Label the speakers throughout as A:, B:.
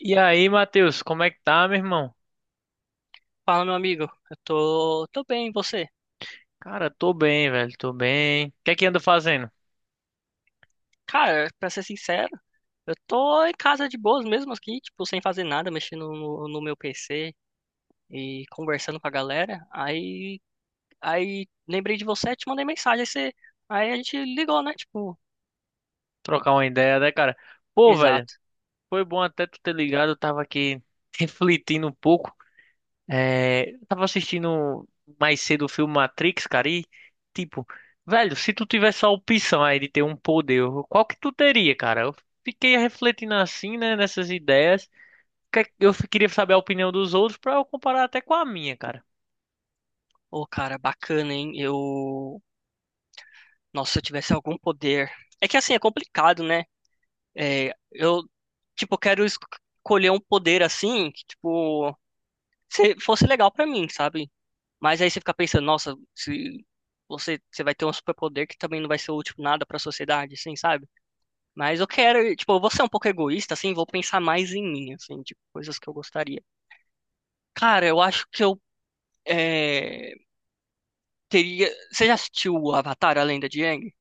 A: E aí, Matheus, como é que tá, meu irmão?
B: Fala, meu amigo. Eu tô bem, e você?
A: Cara, tô bem, velho, tô bem. O que é que anda fazendo?
B: Cara, pra ser sincero, eu tô em casa de boas mesmo aqui, tipo, sem fazer nada, mexendo no meu PC e conversando com a galera. Aí lembrei de você, te mandei mensagem, aí a gente ligou, né? Tipo,
A: Trocar uma ideia, né, cara? Pô, velho,
B: exato.
A: foi bom até tu ter ligado, eu tava aqui refletindo um pouco. Eu tava assistindo mais cedo o filme Matrix, cara, e tipo, velho, se tu tivesse a opção aí de ter um poder, qual que tu teria, cara? Eu fiquei refletindo assim, né, nessas ideias. Eu queria saber a opinião dos outros pra eu comparar até com a minha, cara.
B: Ô, cara, bacana, hein? Eu. Nossa, se eu tivesse algum poder. É que assim, é complicado, né? É, eu, tipo, quero escolher um poder assim, que, tipo, fosse legal pra mim, sabe? Mas aí você fica pensando, nossa, se você vai ter um superpoder que também não vai ser útil nada pra sociedade, assim, sabe? Mas eu quero, tipo, eu vou ser um pouco egoísta, assim, vou pensar mais em mim, assim, de coisas que eu gostaria. Cara, eu acho que eu é, teria. Você já assistiu o Avatar, a Lenda de Aang?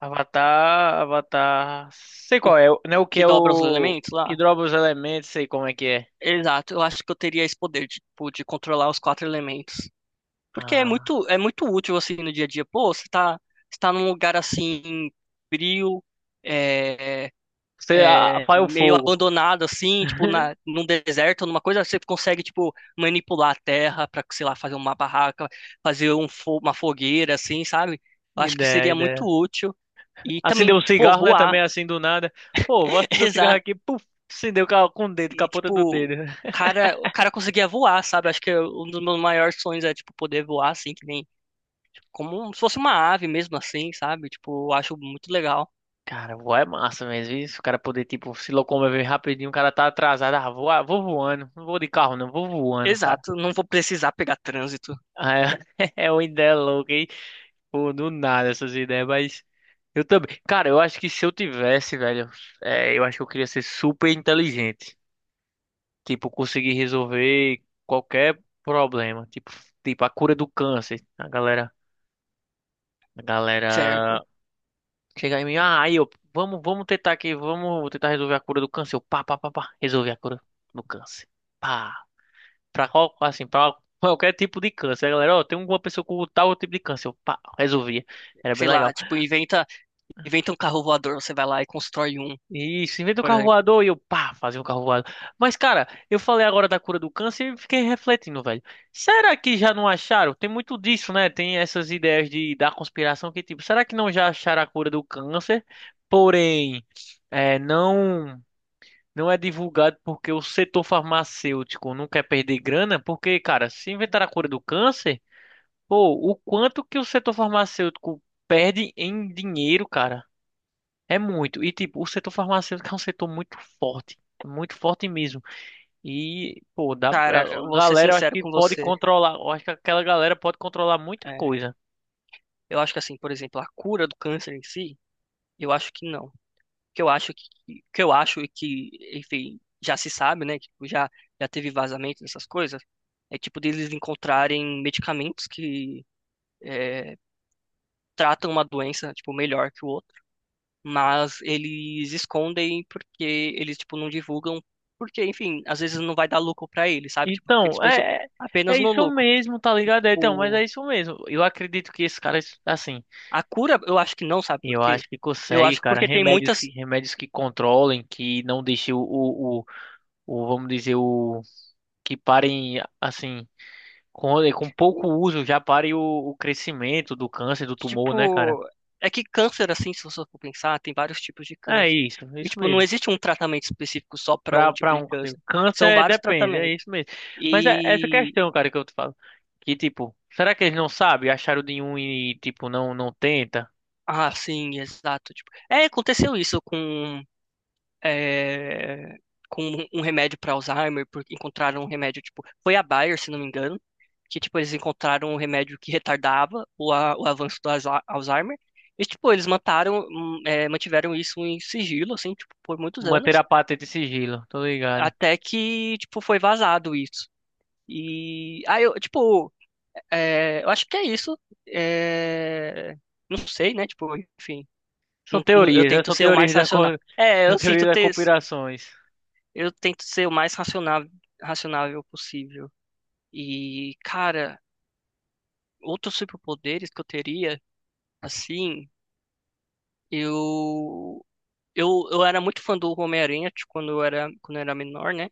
A: Avatar, Avatar. Sei
B: O
A: qual é, né? O que
B: que
A: é
B: dobra os
A: o.
B: elementos lá?
A: Que dropa os elementos, sei como é que é.
B: Exato, eu acho que eu teria esse poder, de, tipo, de controlar os quatro elementos. Porque
A: Ah,
B: é muito útil, assim, no dia a dia. Pô, você tá num lugar assim, frio. eh,
A: você apaga o
B: meio
A: fogo.
B: abandonado assim, tipo num deserto, numa coisa, você consegue tipo manipular a terra para, sei lá, fazer uma barraca, fazer uma fogueira assim, sabe? Eu acho que
A: Ideia,
B: seria muito
A: ideia.
B: útil e
A: Acendeu
B: também,
A: um
B: pô,
A: cigarro, né?
B: voar,
A: Também assim do nada. Pô, vou acender o cigarro
B: exato.
A: aqui, puf, acendeu com o dedo, com a
B: E
A: ponta do
B: tipo,
A: dedo.
B: o cara conseguia voar, sabe? Acho que é um dos meus maiores sonhos é tipo poder voar assim, que nem como se fosse uma ave mesmo assim, sabe? Tipo, eu acho muito legal.
A: Cara, voar é massa mesmo, isso. O cara poder, tipo, se locomover rapidinho, o cara tá atrasado. Ah, vou voando. Não vou de carro, não, vou voando, cara.
B: Exato, não vou precisar pegar trânsito,
A: Ah, é, é uma ideia louca. Pô, do nada essas ideias, mas eu também. Cara, eu acho que se eu tivesse, velho, eu acho que eu queria ser super inteligente. Tipo, conseguir resolver qualquer problema. Tipo a cura do câncer. A galera
B: certo?
A: chega em mim, ah, aí eu, vamos tentar aqui, vamos tentar resolver a cura do câncer. Eu, pá, pá, pá, pá, resolver a cura do câncer. Pá, pra qual, assim, pra qualquer tipo de câncer. A galera, ó, tem uma pessoa com tal tipo de câncer. Eu, pá, resolvia. Era bem
B: Sei lá,
A: legal.
B: tipo, inventa um carro voador, você vai lá e constrói um,
A: Isso, inventa o
B: por
A: carro
B: exemplo.
A: voador e eu, pá, fazia um carro voador. Mas, cara, eu falei agora da cura do câncer e fiquei refletindo, velho. Será que já não acharam? Tem muito disso, né? Tem essas ideias de, da conspiração que, tipo, será que não já acharam a cura do câncer? Porém, não, não é divulgado porque o setor farmacêutico não quer perder grana. Porque, cara, se inventar a cura do câncer, pô, o quanto que o setor farmacêutico perde em dinheiro, cara? É muito. E, tipo, o setor farmacêutico é um setor muito forte. Muito forte mesmo. E, pô, dá,
B: Cara, eu
A: a
B: vou ser
A: galera, eu acho
B: sincero
A: que
B: com
A: pode
B: você.
A: controlar. Eu acho que aquela galera pode controlar muita
B: É,
A: coisa.
B: eu acho que assim, por exemplo, a cura do câncer em si, eu acho que não. Que eu acho e que, enfim, já se sabe, né? Tipo, já teve vazamento dessas coisas. É tipo deles encontrarem medicamentos que é, tratam uma doença, tipo, melhor que o outro, mas eles escondem porque eles, tipo, não divulgam, porque, enfim, às vezes não vai dar lucro pra eles, sabe? Tipo, porque eles
A: Então,
B: pensam
A: é
B: apenas no
A: isso
B: lucro.
A: mesmo, tá
B: E,
A: ligado? É, então, mas é
B: tipo,
A: isso mesmo. Eu acredito que esses caras, assim,
B: a cura, eu acho que não, sabe por
A: eu
B: quê?
A: acho que
B: Eu
A: consegue,
B: acho que
A: cara,
B: porque tem muitas,
A: remédios que controlem, que não deixem o, vamos dizer, o, que parem, assim, com pouco uso, já pare o crescimento do câncer, do tumor, né, cara?
B: tipo, é que câncer, assim, se você for pensar, tem vários tipos de câncer.
A: É
B: E,
A: isso
B: tipo, não
A: mesmo.
B: existe um tratamento específico só para um
A: Pra
B: tipo de
A: um
B: câncer.
A: câncer
B: São vários
A: depende, é
B: tratamentos.
A: isso mesmo. Mas é essa
B: E,
A: questão, cara, que eu te falo. Que tipo, será que eles não sabem? Acharam de um e, tipo, não, não tenta?
B: ah, sim, exato. Aconteceu isso com é, com um remédio para Alzheimer, porque encontraram um remédio, tipo, foi a Bayer, se não me engano, que, tipo, eles encontraram um remédio que retardava o avanço do Alzheimer. E, tipo, mantiveram isso em sigilo, assim, tipo, por muitos
A: Manter
B: anos,
A: a patente e sigilo, tô ligado.
B: até que, tipo, foi vazado isso. E aí, eu acho que é isso. É, não sei, né? Tipo, enfim,
A: São
B: eu
A: teorias, né?
B: tento ser o mais racional. É,
A: São
B: eu
A: teorias
B: sinto
A: das
B: ter,
A: conspirações.
B: Eu tento ser o mais racional, racionável possível. E, cara, outros superpoderes que eu teria, assim, eu eu era muito fã do Homem-Aranha tipo, quando eu era menor, né?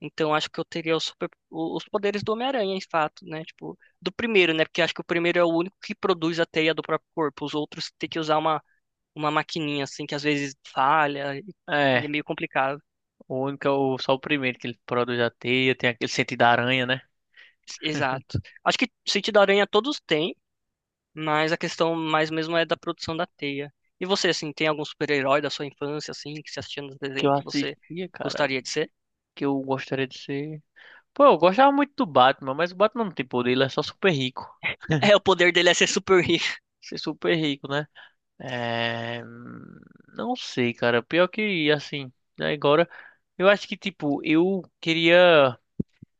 B: Então acho que eu teria os poderes do Homem-Aranha, em fato, né? Tipo, do primeiro, né? Porque acho que o primeiro é o único que produz a teia do próprio corpo. Os outros têm que usar uma maquininha assim que às vezes falha e é
A: É,
B: meio complicado.
A: o único, é o, só o primeiro que ele produz a teia, tem aquele sentido da aranha, né?
B: Exato. Acho que sentido da aranha todos têm. Mas a questão mais mesmo é da produção da teia. E você, assim, tem algum super-herói da sua infância, assim, que você assistia nos
A: Que
B: desenhos
A: eu
B: que você
A: assistia, cara,
B: gostaria de ser?
A: que eu gostaria de ser. Pô, eu gostava muito do Batman, mas o Batman não tem poder, ele é só super rico.
B: É, o poder dele é ser super rico.
A: Ser super rico, né? É... Não sei, cara. Pior que, assim, né, agora. Eu acho que, tipo, eu queria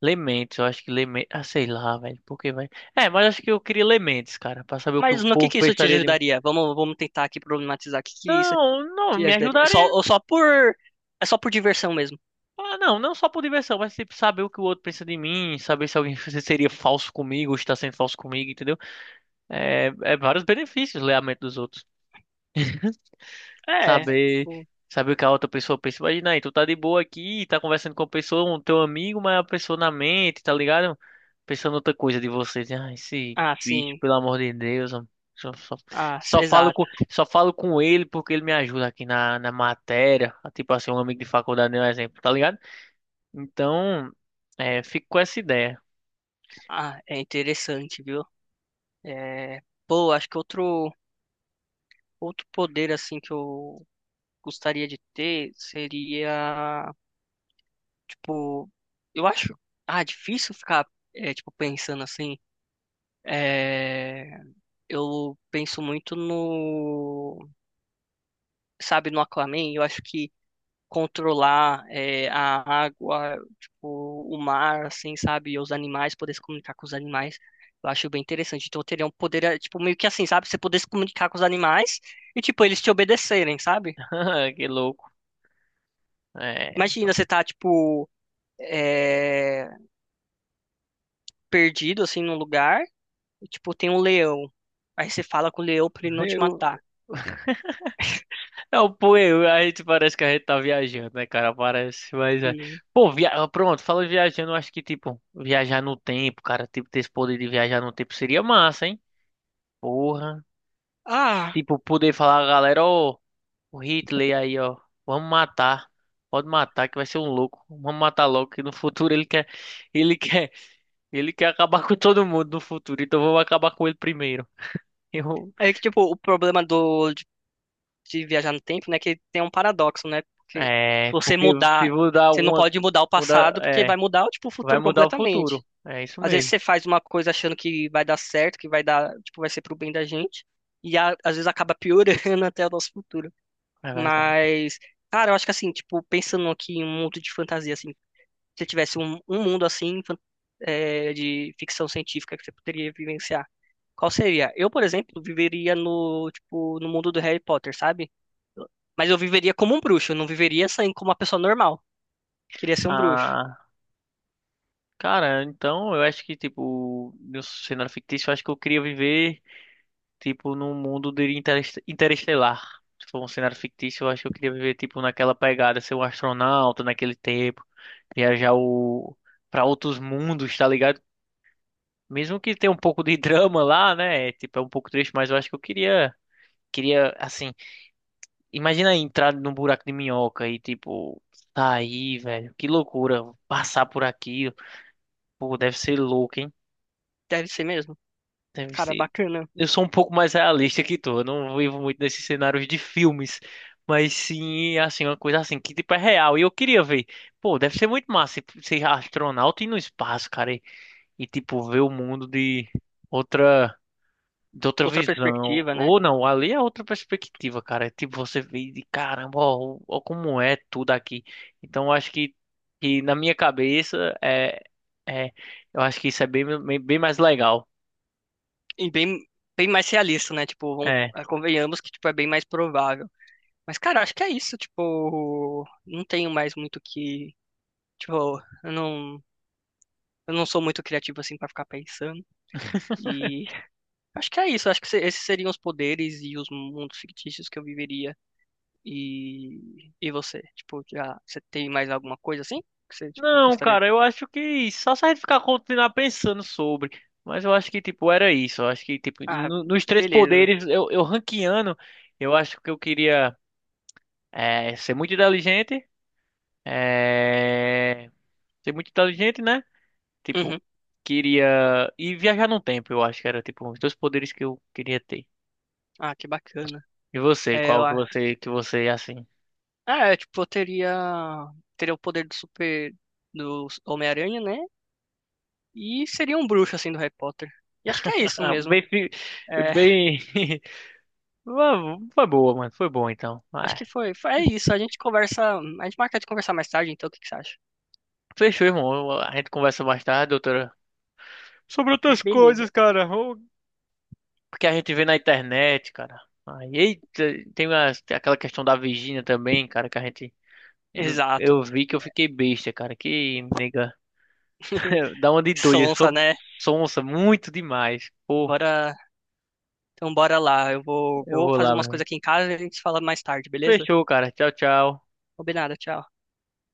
A: Lementes. Eu acho que Lementes. Ah, sei lá, velho. Por que, vai? É, mas acho que eu queria Lementes, cara. Pra saber o que o
B: Mas no
A: povo
B: que isso te
A: pensaria de mim.
B: ajudaria? Vamos tentar aqui problematizar. O que que isso
A: Não, não,
B: te
A: me
B: ajudaria? É só,
A: ajudaria.
B: ou só por... É só por diversão mesmo.
A: Ah, não, não só por diversão, mas, tipo, saber o que o outro pensa de mim. Saber se alguém seria falso comigo ou está sendo falso comigo, entendeu? É, é vários benefícios ler a mente dos outros.
B: É.
A: saber
B: Tipo,
A: saber o que a outra pessoa pensa. Imagina aí, tu tá de boa aqui, tá conversando com a pessoa, um teu amigo, mas a pessoa na mente, tá ligado? Pensando outra coisa de você. Diz, ah, esse
B: ah,
A: bicho,
B: sim.
A: pelo amor de Deus, homem, só, só,
B: Exato.
A: só falo com ele porque ele me ajuda aqui na, na matéria. Tipo assim, um amigo de faculdade, né, um exemplo, tá ligado? Então, é, fico com essa ideia.
B: Ah, é interessante, viu? É... Pô, acho que outro, outro poder, assim, que eu gostaria de ter seria... Tipo, eu acho, ah, difícil ficar, tipo, pensando assim. É, eu penso muito no, sabe, no Aquaman. Eu acho que controlar, é, a água, tipo, o mar, assim, sabe, e os animais, poder se comunicar com os animais. Eu acho bem interessante. Então, eu teria um poder, é, tipo, meio que assim, sabe? Você poder se comunicar com os animais e, tipo, eles te obedecerem, sabe?
A: Que louco. É,
B: Imagina,
A: então,
B: você tá, tipo, é, perdido, assim, num lugar. Tipo, tem um leão. Aí você fala com o leão pra ele não te matar.
A: eu, não, pô, a gente parece que a gente tá viajando, né, cara? Parece, mas é.
B: Sim.
A: Pô, via... ah, pronto, falando em viajando, eu acho que, tipo, viajar no tempo, cara, tipo, ter esse poder de viajar no tempo seria massa, hein? Porra.
B: Ah,
A: Tipo, poder falar, galera, ó, o Hitler aí, ó, vamos matar. Pode matar, que vai ser um louco. Vamos matar logo, que no futuro ele quer, ele quer acabar com todo mundo no futuro, então vamos acabar com ele primeiro. Eu,
B: aí que, tipo, o problema de viajar no tempo, né, que tem um paradoxo, né? Porque se
A: é,
B: você
A: porque se
B: mudar,
A: mudar
B: você não
A: alguma,
B: pode mudar o
A: mudar,
B: passado, porque vai
A: é.
B: mudar, tipo, o
A: Vai
B: futuro
A: mudar o
B: completamente.
A: futuro. É isso
B: Às vezes
A: mesmo.
B: você faz uma coisa achando que vai dar certo, que vai dar, tipo, vai ser pro bem da gente, e às vezes acaba piorando até o nosso futuro.
A: É verdade.
B: Mas, cara, eu acho que assim, tipo, pensando aqui em um mundo de fantasia, assim, se tivesse um mundo assim de ficção científica que você poderia vivenciar? Qual seria? Eu, por exemplo, viveria no, tipo, no mundo do Harry Potter, sabe? Eu- Mas eu viveria como um bruxo, eu não viveria assim como uma pessoa normal. Queria ser um bruxo.
A: Ah, cara, então eu acho que, tipo, no cenário fictício, eu acho que eu queria viver, tipo, num mundo de interestelar. Se for um cenário fictício, eu acho que eu queria viver, tipo, naquela pegada, ser um astronauta naquele tempo, viajar o... pra outros mundos, tá ligado? Mesmo que tenha um pouco de drama lá, né? Tipo, é um pouco triste, mas eu acho que eu queria, queria, assim. Imagina aí entrar num buraco de minhoca e, tipo, sair, velho. Que loucura. Passar por aqui. Pô, deve ser louco, hein?
B: Deve ser mesmo.
A: Deve
B: Cara,
A: ser.
B: bacana.
A: Eu sou um pouco mais realista que tu. Eu não vivo muito nesses cenários de filmes. Mas sim, assim, uma coisa assim, que tipo é real. E eu queria ver. Pô, deve ser muito massa ser astronauta e ir no espaço, cara. E, tipo, ver o mundo de outra. De outra
B: Outra
A: visão.
B: perspectiva, né?
A: Ou não, ali é outra perspectiva, cara. É tipo, você vê de caramba, ó, ó como é tudo aqui. Então, eu acho que na minha cabeça, é, eu acho que isso é bem, bem, bem mais legal.
B: E bem, bem mais realista, né? Tipo,
A: É.
B: convenhamos que tipo, é bem mais provável. Mas, cara, acho que é isso. Tipo, não tenho mais muito o que. Tipo, eu não sou muito criativo assim pra ficar pensando. E acho que é isso. Acho que esses seriam os poderes e os mundos fictícios que eu viveria. E você? Tipo, já, você tem mais alguma coisa assim? Que você, tipo,
A: Não,
B: gostaria.
A: cara, eu acho que só se a gente ficar continuar pensando sobre. Mas eu acho que, tipo, era isso. Eu acho que, tipo,
B: Ah,
A: nos três
B: beleza.
A: poderes, eu ranqueando, eu acho que eu queria ser muito inteligente. É, ser muito inteligente, né? Tipo,
B: Uhum.
A: queria e viajar no tempo, eu acho que era tipo os 2 poderes que eu queria ter.
B: Ah, que bacana.
A: E você,
B: É,
A: qual que
B: lá.
A: você é assim?
B: Ah, é, tipo, eu teria. Teria o poder do super. Do Homem-Aranha, né? E seria um bruxo, assim, do Harry Potter. E acho que é isso mesmo.
A: Bem,
B: É,
A: bem, foi boa, mano, foi bom então.
B: acho
A: Ah,
B: que foi. É isso. A gente conversa. A gente marca de conversar mais tarde, então o que que você acha?
A: fechou, irmão. A gente conversa mais tarde, doutora, sobre outras
B: Beleza.
A: coisas, cara. O que a gente vê na internet, cara. Aí, eita, tem aquela questão da Virgínia também, cara, que a gente eu
B: Exato.
A: vi que eu
B: Né?
A: fiquei besta, cara. Que nega dá uma de doida,
B: Sonsa,
A: sob
B: né?
A: sonsa, muito demais. Pô,
B: Bora. Então bora lá.
A: eu
B: Vou
A: vou
B: fazer
A: lá, meu
B: umas coisas
A: irmão.
B: aqui em casa e a gente se fala mais tarde, beleza?
A: Fechou, cara. Tchau, tchau.
B: Combinado, tchau.